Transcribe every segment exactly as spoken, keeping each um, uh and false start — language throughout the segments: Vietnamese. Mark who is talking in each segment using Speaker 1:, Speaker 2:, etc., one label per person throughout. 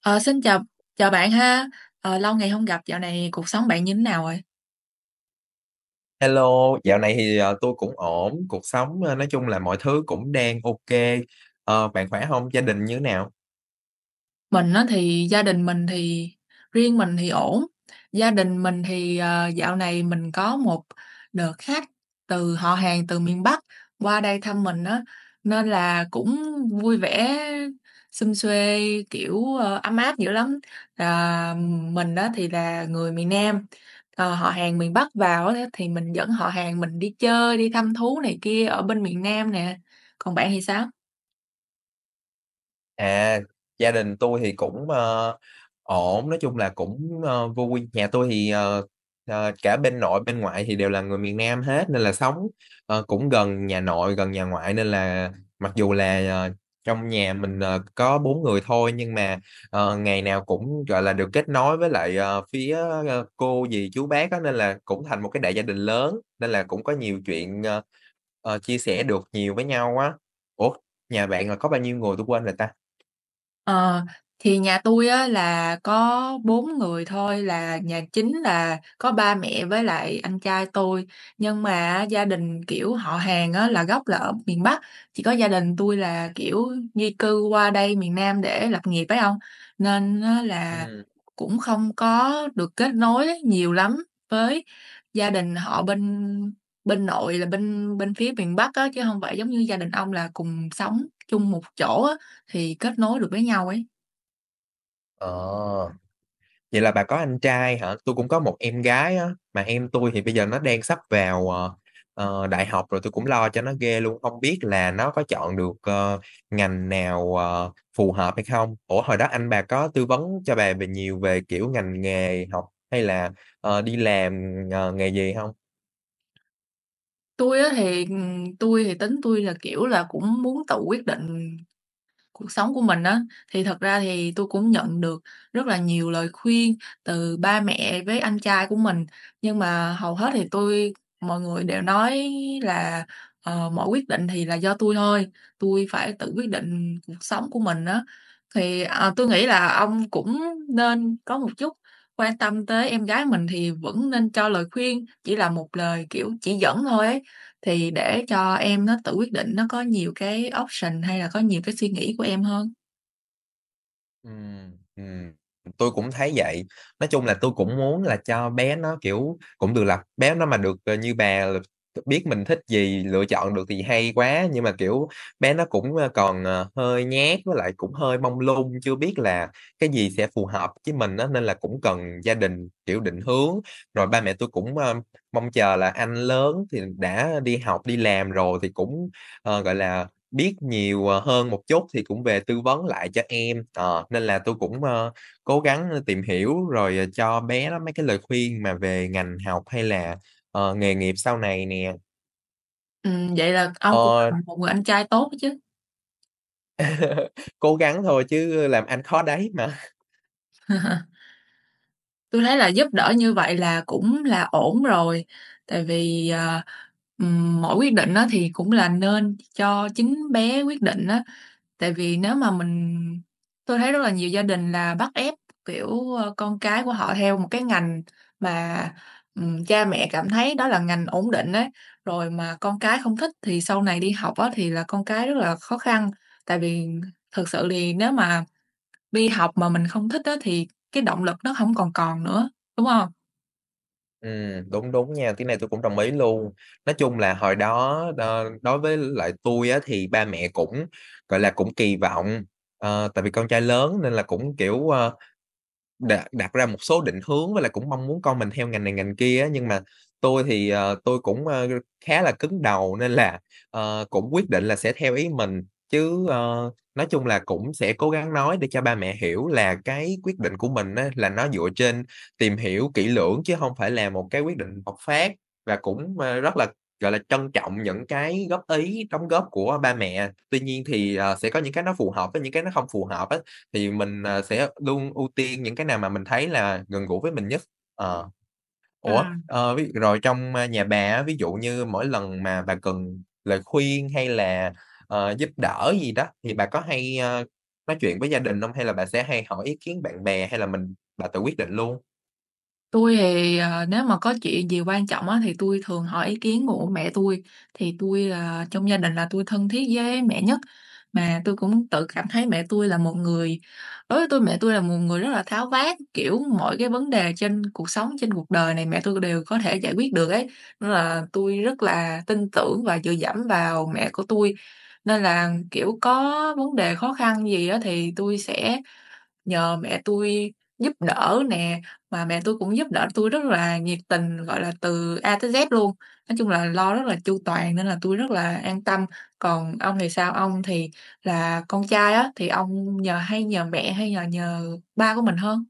Speaker 1: Ờ, Xin chào, chào bạn ha. Ờ, lâu ngày không gặp, dạo này cuộc sống bạn như thế nào rồi?
Speaker 2: Hello, dạo này thì, ờ, tôi cũng ổn, cuộc sống, ơ, nói chung là mọi thứ cũng đang ok. Ờ, bạn khỏe không? Gia đình như thế nào?
Speaker 1: Mình á thì gia đình mình thì riêng mình thì ổn, gia đình mình thì, ờ, dạo này mình có một đợt khách từ họ hàng từ miền Bắc qua đây thăm mình á, nên là cũng vui vẻ, sum suê, kiểu, ờ, ấm áp dữ lắm. Là mình á thì là người miền Nam, ờ, họ hàng miền Bắc vào á thì mình dẫn họ hàng mình đi chơi, đi thăm thú này kia ở bên miền Nam nè, còn bạn thì sao?
Speaker 2: À, gia đình tôi thì cũng, ờ, ổn, nói chung là cũng, ơ, vui. Nhà tôi thì, ờ, ờ, cả bên nội bên ngoại thì đều là người miền Nam hết nên là sống, ờ, cũng gần nhà nội, gần nhà ngoại nên là mặc dù là, ờ, trong nhà mình, ờ, có bốn người thôi nhưng mà, ờ, ngày nào cũng, gọi là, được kết nối với lại, ờ, phía, ơ, cô dì chú bác á, nên là cũng thành một cái đại gia đình lớn, nên là cũng có nhiều chuyện, ờ, ờ, chia sẻ được nhiều với nhau á. Ủa, nhà bạn là có bao nhiêu người tôi quên rồi ta?
Speaker 1: Ờ, thì nhà tôi á là có bốn người thôi, là nhà chính là có ba mẹ với lại anh trai tôi, nhưng mà gia đình, kiểu, họ hàng á là gốc là ở miền Bắc, chỉ có gia đình tôi là, kiểu, di cư qua đây miền Nam để lập nghiệp ấy ông, nên á là
Speaker 2: Ừm,
Speaker 1: cũng không có được kết nối nhiều lắm với gia đình họ bên bên nội là bên bên phía miền Bắc á, chứ không phải giống như gia đình ông là cùng sống chung một chỗ á. Thì kết nối được với nhau ấy.
Speaker 2: ờ, vậy là bà có anh trai hả? Tôi cũng có một em gái á, mà em tôi thì bây giờ nó đang sắp vào, ờ, ờ, đại học rồi, tôi cũng lo cho nó ghê luôn, không biết là nó có chọn được, ờ, ngành nào, ờ, phù hợp hay không? Ủa, hồi đó anh bà có tư vấn cho bà về nhiều về, kiểu, ngành nghề học hay là, ờ, đi làm, ờ, nghề gì không?
Speaker 1: Tôi á thì, ừ, tôi thì tính tôi là, kiểu là, cũng muốn tự quyết định cuộc sống của mình á, thì thật ra thì tôi cũng nhận được rất là nhiều lời khuyên từ ba mẹ với anh trai của mình, nhưng mà hầu hết thì tôi mọi người đều nói là, ờ, mọi quyết định thì là do tôi thôi, tôi phải tự quyết định cuộc sống của mình á. Thì, ờ, tui nghĩ là ông cũng nên có một chút quan tâm tới em gái mình thì vẫn nên cho lời khuyên, chỉ là một lời, kiểu, chỉ dẫn thôi ấy, thì để cho em nó tự quyết định, nó có nhiều cái option hay là có nhiều cái suy nghĩ của em hơn.
Speaker 2: Ừm, ừm, tôi cũng thấy vậy. Nói chung là tôi cũng muốn là cho bé nó, kiểu, cũng được là bé nó mà được, ờ, như bà là biết mình thích gì, lựa chọn được thì hay quá, nhưng mà, kiểu, bé nó cũng, ơ, còn, ờ, hơi nhát với lại cũng hơi mông lung, chưa biết là cái gì sẽ phù hợp với mình á, nên là cũng cần gia đình, kiểu, định hướng. Rồi ba mẹ tôi cũng, ơ, mong chờ là anh lớn thì đã đi học, đi làm rồi thì cũng, ờ, gọi là, biết nhiều, ờ, hơn một chút thì cũng về tư vấn lại cho em, ờ, nên là tôi cũng, ơ, cố gắng, tìm hiểu rồi, ờ, cho bé đó mấy cái lời khuyên mà về ngành học hay là, ờ, nghề nghiệp sau này nè.
Speaker 1: Ừm, vậy là ông cũng
Speaker 2: Ờ,
Speaker 1: là một người anh trai tốt chứ.
Speaker 2: cố gắng thôi chứ làm anh khó đấy mà.
Speaker 1: Tôi thấy là giúp đỡ như vậy là cũng là ổn rồi, tại vì, ờ, ừm, mỗi quyết định đó thì cũng là nên cho chính bé quyết định đó. Tại vì nếu mà mình tôi thấy rất là nhiều gia đình là bắt ép, kiểu, ơ, con cái của họ theo một cái ngành mà, ừm, cha mẹ cảm thấy đó là ngành ổn định ấy, rồi mà con cái không thích thì sau này đi học á thì là con cái rất là khó khăn. Tại vì thực sự thì nếu mà đi học mà mình không thích á thì cái động lực nó không còn còn nữa, đúng không?
Speaker 2: Ừm, đúng, đúng nha, cái này tôi cũng đồng ý luôn. Nói chung là hồi đó đo đối với lại tôi á thì ba mẹ cũng, gọi là, cũng kỳ vọng, ờ, tại vì con trai lớn nên là cũng, kiểu, ờ Đặt đặt ra một số định hướng với lại cũng mong muốn con mình theo ngành này ngành kia á, nhưng mà tôi thì, ờ, tôi cũng, ơ, khá là cứng đầu nên là, ờ, cũng quyết định là sẽ theo ý mình. Chứ, ờ, nói chung là cũng sẽ cố gắng nói để cho ba mẹ hiểu là cái quyết định của mình á, là nó dựa trên tìm hiểu kỹ lưỡng chứ không phải là một cái quyết định bộc phát và cũng, ơ, rất là, gọi là, trân trọng những cái góp ý, đóng góp của ba mẹ. Tuy nhiên thì, ờ, sẽ có những cái nó phù hợp với những cái nó không phù hợp á. Thì mình, à, sẽ luôn ưu tiên những cái nào mà mình thấy là gần gũi với mình nhất. Ờ, ủa,
Speaker 1: Ừm.
Speaker 2: ờ, ví rồi trong, a, nhà bà á, ví dụ như mỗi lần mà bà cần lời khuyên hay là, ờ, giúp đỡ gì đó thì bà có hay, a, nói chuyện với gia đình không? Hay là bà sẽ hay hỏi ý kiến bạn bè hay là mình bà tự quyết định luôn?
Speaker 1: Tôi thì, ờ, nếu mà có chuyện gì quan trọng á, thì tôi thường hỏi ý kiến của mẹ tôi, thì tôi là trong gia đình là tôi thân thiết với mẹ nhất. Mà tôi cũng tự cảm thấy mẹ tôi là một người, đối với tôi mẹ tôi là một người rất là tháo vát, kiểu, mọi cái vấn đề trên cuộc sống, trên cuộc đời này mẹ tôi đều có thể giải quyết được ấy, nên là tôi rất là tin tưởng và dựa dẫm vào mẹ của tôi. Nên là, kiểu, có vấn đề khó khăn gì á thì tôi sẽ nhờ mẹ tôi giúp đỡ nè, mà mẹ tôi cũng giúp đỡ tôi rất là nhiệt tình, gọi là, từ A tới Z luôn. Nói chung là lo rất là chu toàn nên là tôi rất là an tâm. Còn ông thì sao? Ông thì là con trai á, thì ông nhờ hay nhờ mẹ hay nhờ nhờ ba của mình hơn?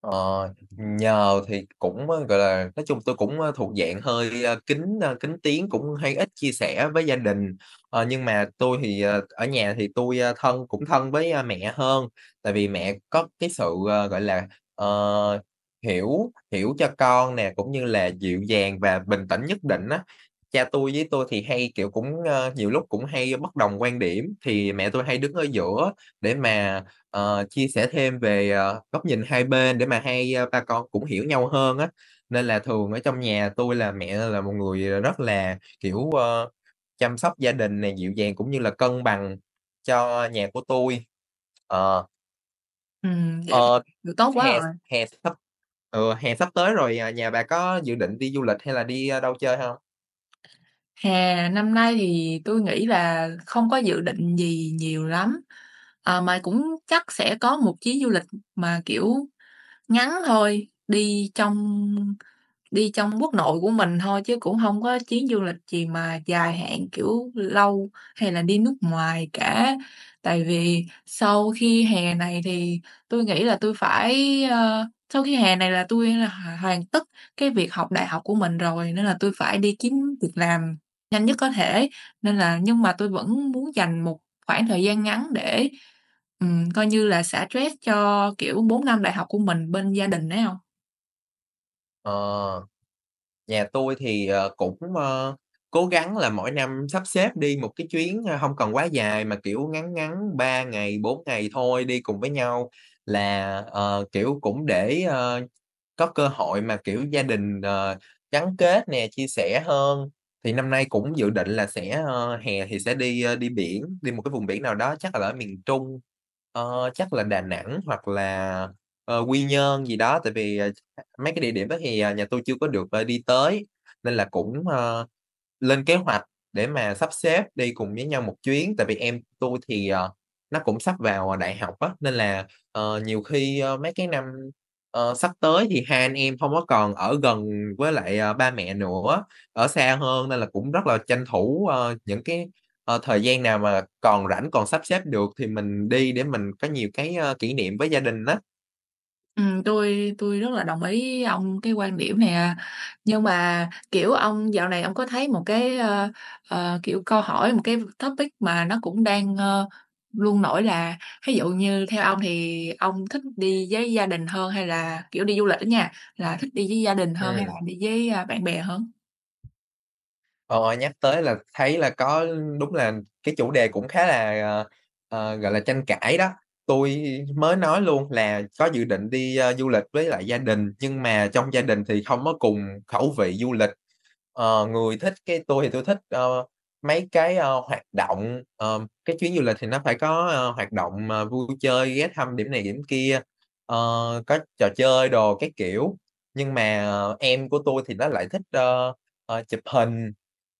Speaker 2: Ờ, nhờ thì cũng, ơ, gọi là, nói chung tôi cũng, ơ, thuộc dạng hơi, ơ, kín, ơ, kín tiếng, cũng hay ít chia sẻ với gia đình. Ờ, nhưng mà tôi thì, ờ, ở nhà thì tôi ơ, thân cũng thân với, a, mẹ hơn, tại vì mẹ có cái sự, ờ, gọi là, ờ, hiểu hiểu cho con nè, cũng như là dịu dàng và bình tĩnh nhất định á. Cha tôi với tôi thì hay, kiểu, cũng, ơ, nhiều lúc cũng hay bất đồng quan điểm, thì mẹ tôi hay đứng ở giữa để mà Ờ, chia sẻ thêm về, ờ, góc nhìn hai bên để mà hai, a, ba con cũng hiểu nhau hơn á. Nên là thường ở trong nhà tôi là mẹ là một người, ờ, rất là, kiểu, ờ, chăm sóc gia đình này dịu dàng cũng như là cân bằng cho nhà của tôi. Ờ,
Speaker 1: Ừm, vậy thì
Speaker 2: ờ,
Speaker 1: được tốt quá
Speaker 2: hè
Speaker 1: rồi.
Speaker 2: hè sắp ừ, hè sắp tới rồi, à, nhà bà có dự định đi du lịch hay là đi, a, đâu chơi không?
Speaker 1: Hè, năm nay thì tôi nghĩ là không có dự định gì nhiều lắm, ờ, mà cũng chắc sẽ có một chuyến du lịch mà, kiểu, ngắn thôi, đi trong đi trong quốc nội của mình thôi chứ cũng hông có chuyến du lịch gì mà dài hạn, kiểu, lâu hay là đi nước ngoài cả. Tại vì sau khi hè này thì tui nghĩ là tui phải, ơ sau khi hè này là tui là h hoàn tất cái việc học đại học của mình rồi, nên là tui phải đi kiếm việc làm nhanh nhất có thể. Nên là nhưng mà tui vẫn muốn dành một khoảng thời gian ngắn để, ừm, coi như là xả stress cho, kiểu, bốn năm đại học của mình bên gia đình ấy ông.
Speaker 2: Ờ. Nhà tôi thì, ờ, cũng, ơ, cố gắng là mỗi năm sắp xếp đi một cái chuyến, a, hông cần quá dài mà, kiểu, ngắn ngắn ba ngày, bốn ngày thôi, đi cùng với nhau là, ờ, kiểu, cũng để, ờ, có cơ hội mà, kiểu, gia đình, ờ, gắn kết nè, chia sẻ hơn. Thì năm nay cũng dự định là sẽ, ơ, hè thì sẽ đi, ơ, đi biển, đi một cái vùng biển nào đó chắc là ở miền Trung, ờ, chắc là Đà Nẵng hoặc là, ờ, Quy Nhơn gì đó. Tại vì, ờ, mấy cái địa điểm đó thì, à, nhà tôi chưa có được, ờ, đi tới, nên là cũng, ờ, lên kế hoạch để mà sắp xếp đi cùng với nhau một chuyến. Tại vì em tôi thì, ờ, nó cũng sắp vào, à, đại học á, nên là Ờ, nhiều khi, ơ, mấy cái năm, ờ, sắp tới thì hai anh em không có còn ở gần với lại, ờ, ba mẹ nữa, ở xa hơn nên là cũng rất là tranh thủ, ờ, những cái, ờ, thời gian nào mà còn rảnh, còn sắp xếp được thì mình đi để mình có nhiều cái, ơ, kỷ niệm với gia đình đó.
Speaker 1: Ừm, tôi tui rất là đồng ý ông cái quan điểm này à. Nhưng mà, kiểu, ông dạo này ông có thấy một cái, ơ, ờ, kiểu, câu hỏi, một cái topic mà nó cũng đang, ơ, luôn nổi là ví dụ như theo ông thì ông thích đi với gia đình hơn hay là, kiểu, đi du lịch á nha, là thích đi với gia đình hơn hay là
Speaker 2: Ừm.
Speaker 1: đi với, a, bạn bè hơn?
Speaker 2: Ờ, Nhắc tới là thấy là có đúng là cái chủ đề cũng khá là, ờ, ờ, gọi là, tranh cãi đó. Tôi mới nói luôn là có dự định đi, ơ, du lịch với lại gia đình, nhưng mà trong gia đình thì không có cùng khẩu vị du lịch. Ờ, người thích cái tôi thì tôi thích, ờ, mấy cái, ơ, hoạt động, ờ, cái chuyến du lịch thì nó phải có, ờ, hoạt động, ờ, vui chơi, ghé thăm điểm này điểm kia, ờ, có trò chơi đồ các kiểu. Nhưng mà ờ, em của tôi thì nó lại thích, ơ, ờ, chụp hình,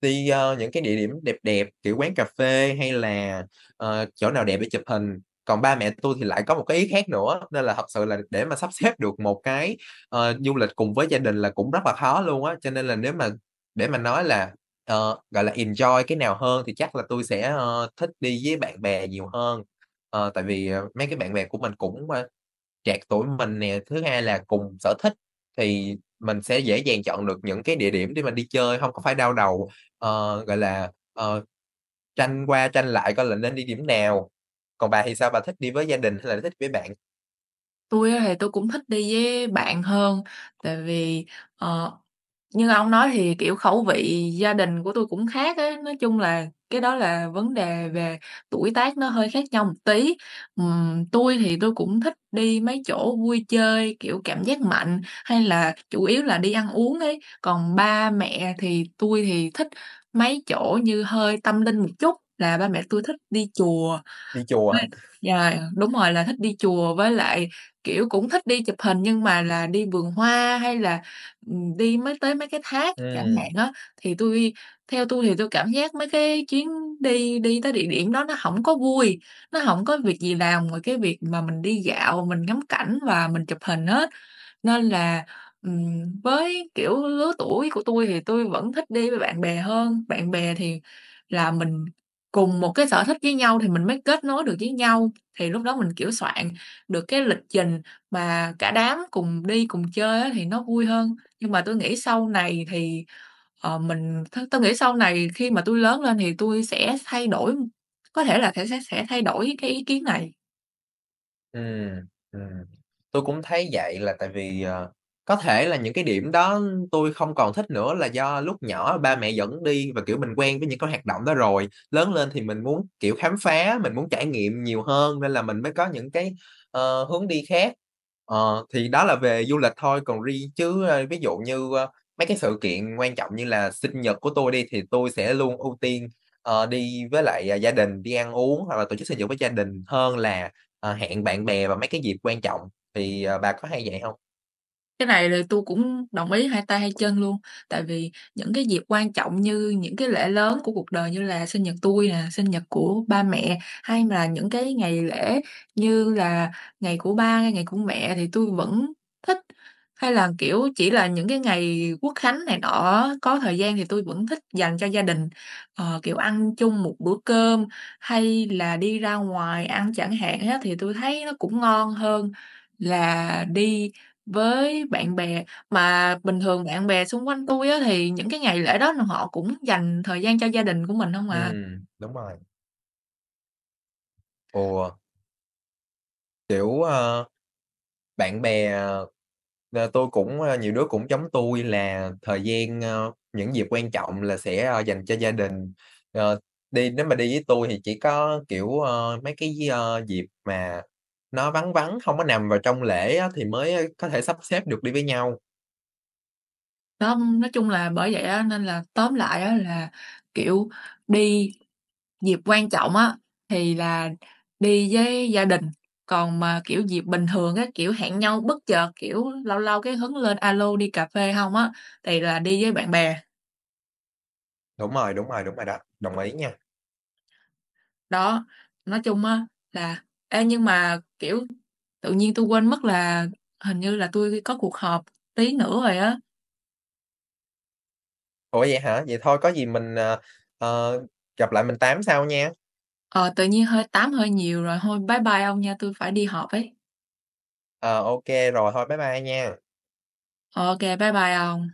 Speaker 2: đi, ơ, những cái địa điểm đẹp đẹp, kiểu quán cà phê hay là, ờ, chỗ nào đẹp để chụp hình. Còn ba mẹ tôi thì lại có một cái ý khác nữa, nên là thật sự là để mà sắp xếp được một cái, ờ, du lịch cùng với gia đình là cũng rất là khó luôn á. Cho nên là nếu mà để mà nói là, ờ, gọi là, enjoy cái nào hơn thì chắc là tôi sẽ, ơ, thích đi với bạn bè nhiều hơn. Ờ, tại vì, ờ, mấy cái bạn bè của mình cũng, a, trạc tuổi mình nè, thứ hai là cùng sở thích thì mình sẽ dễ dàng chọn được những cái địa điểm để mà đi chơi, không có phải đau đầu, ờ, gọi là, ờ, tranh qua tranh lại coi là nên đi điểm nào. Còn bà thì sao, bà thích đi với gia đình hay là thích với bạn?
Speaker 1: Tôi á thì tôi cũng thích đi với bạn hơn, tại vì, ờ, như ông nói thì, kiểu, khẩu vị gia đình của tui cũng khác ấy, nói chung là cái đó là vấn đề về tuổi tác nó hơi khác nhau một tí. Ừm, tui thì tui cũng thích đi mấy chỗ vui chơi, kiểu, cảm giác mạnh, hay là chủ yếu là đi ăn uống ấy, còn ba mẹ thì tui thì thích mấy chỗ như hơi tâm linh một chút, là ba mẹ tui thích đi chùa.
Speaker 2: Đi chùa
Speaker 1: Với
Speaker 2: hả?
Speaker 1: lại yeah, đúng rồi, là thích đi chùa với lại, kiểu, cũng thích đi chụp hình nhưng mà là đi vườn hoa hay là ừm, đi mấy tới mấy cái thác chẳng hạn
Speaker 2: Ừm.
Speaker 1: á, thì tôi theo tôi thì tôi cảm giác mấy cái chuyến đi đi tới địa điểm đó nó hổng có vui, nó hổng có việc gì làm ngoài cái việc mà mình đi dạo, mình ngắm cảnh và mình chụp hình hết. Nên là, ừm, với, kiểu, lứa tuổi của tôi thì tôi vẫn thích đi với bạn bè hơn. Bạn bè thì là mình cùng một cái sở thích với nhau thì mình mới kết nối được với nhau, thì lúc đó mình, kiểu, soạn được cái lịch trình mà cả đám cùng đi, cùng chơi á thì nó vui hơn. Nhưng mà tôi nghĩ sau này thì, ờ, mình t tui nghĩ sau này khi mà tôi lớn lên thì tôi sẽ thay đổi, có thể là thể sẽ sẽ thay đổi cái ý kiến này.
Speaker 2: Ừm, ừm. Tôi cũng thấy vậy là tại vì, ờ, có thể là những cái điểm đó tôi không còn thích nữa là do lúc nhỏ ba mẹ dẫn đi và, kiểu, mình quen với những cái hoạt động đó rồi. Lớn lên thì mình muốn, kiểu, khám phá, mình muốn trải nghiệm nhiều hơn nên là mình mới có những cái, ờ, hướng đi khác. Ờ, thì đó là về du lịch thôi, còn riêng chứ, ơ, ví dụ như, ơ, mấy cái sự kiện quan trọng như là sinh nhật của tôi đi thì tôi sẽ luôn ưu tiên, ờ, đi với lại, à, gia đình, đi ăn uống hoặc là tổ chức sinh nhật với gia đình hơn là Ờ, hẹn bạn bè vào mấy cái dịp quan trọng thì, ờ, bà có hay vậy hông?
Speaker 1: Cái này là tôi cũng đồng ý hai tay hai chân luôn, tại vì những cái dịp quan trọng như những cái lễ lớn của cuộc đời như là sinh nhật tôi nè, sinh nhật của ba mẹ, hay là những cái ngày lễ như là ngày của ba, ngày của mẹ thì tôi vẫn thích, hay là, kiểu, chỉ là những cái ngày Quốc khánh này nọ có thời gian thì tôi vẫn thích dành cho gia đình, ờ, kiểu, ăn chung một bữa cơm hay là đi ra ngoài ăn chẳng hạn á, thì tôi thấy nó cũng ngon hơn là đi với bạn bè. Mà bình thường bạn bè xung quanh tôi á, thì những cái ngày lễ đó là họ cũng dành thời gian cho gia đình của mình không à.
Speaker 2: Ừm, đúng rồi. Ồ, kiểu, ờ, bạn bè, ờ, ờ, tôi cũng, ơ, nhiều đứa cũng giống tui là thời gian, ơ, những dịp quan trọng là sẽ, ơ, dành cho gia đình. Ờ, Đi nếu mà đi với tui thì chỉ có, kiểu, ơ, mấy cái gi ơ, dịp mà nó vắng vắng, hông có nằm vào trong lễ á thì mới ờ, có thể sắp xếp được đi với nhau.
Speaker 1: Đó, nói chung là bởi vậy á, nên là tóm lại á, là, kiểu, đi dịp quan trọng á, thì là đi với gia đình, còn mà, kiểu, dịp bình thường á, kiểu, hẹn nhau bất chợt, kiểu, lâu lâu cái hứng lên alo đi cà phê không á, thì là đi với bạn bè.
Speaker 2: Đúng rồi, đúng rồi, đúng rồi đó, đồng ý nha.
Speaker 1: Đó, nói chung á là ê, nhưng mà, kiểu, tự nhiên tôi quên mất là hình như là tôi có cuộc họp tí nữa rồi á.
Speaker 2: Ủa, vậy hả? Vậy thôi có gì mình, ờ, ờ, gặp lại mình tám sau nha.
Speaker 1: Ờ, Tự nhiên hơi tám hơi nhiều rồi, thôi bye bye ông nha, tôi phải đi họp ấy.
Speaker 2: Ờ, ô Rồi thôi bye bye nha.
Speaker 1: Ờ, ok bye bye ông.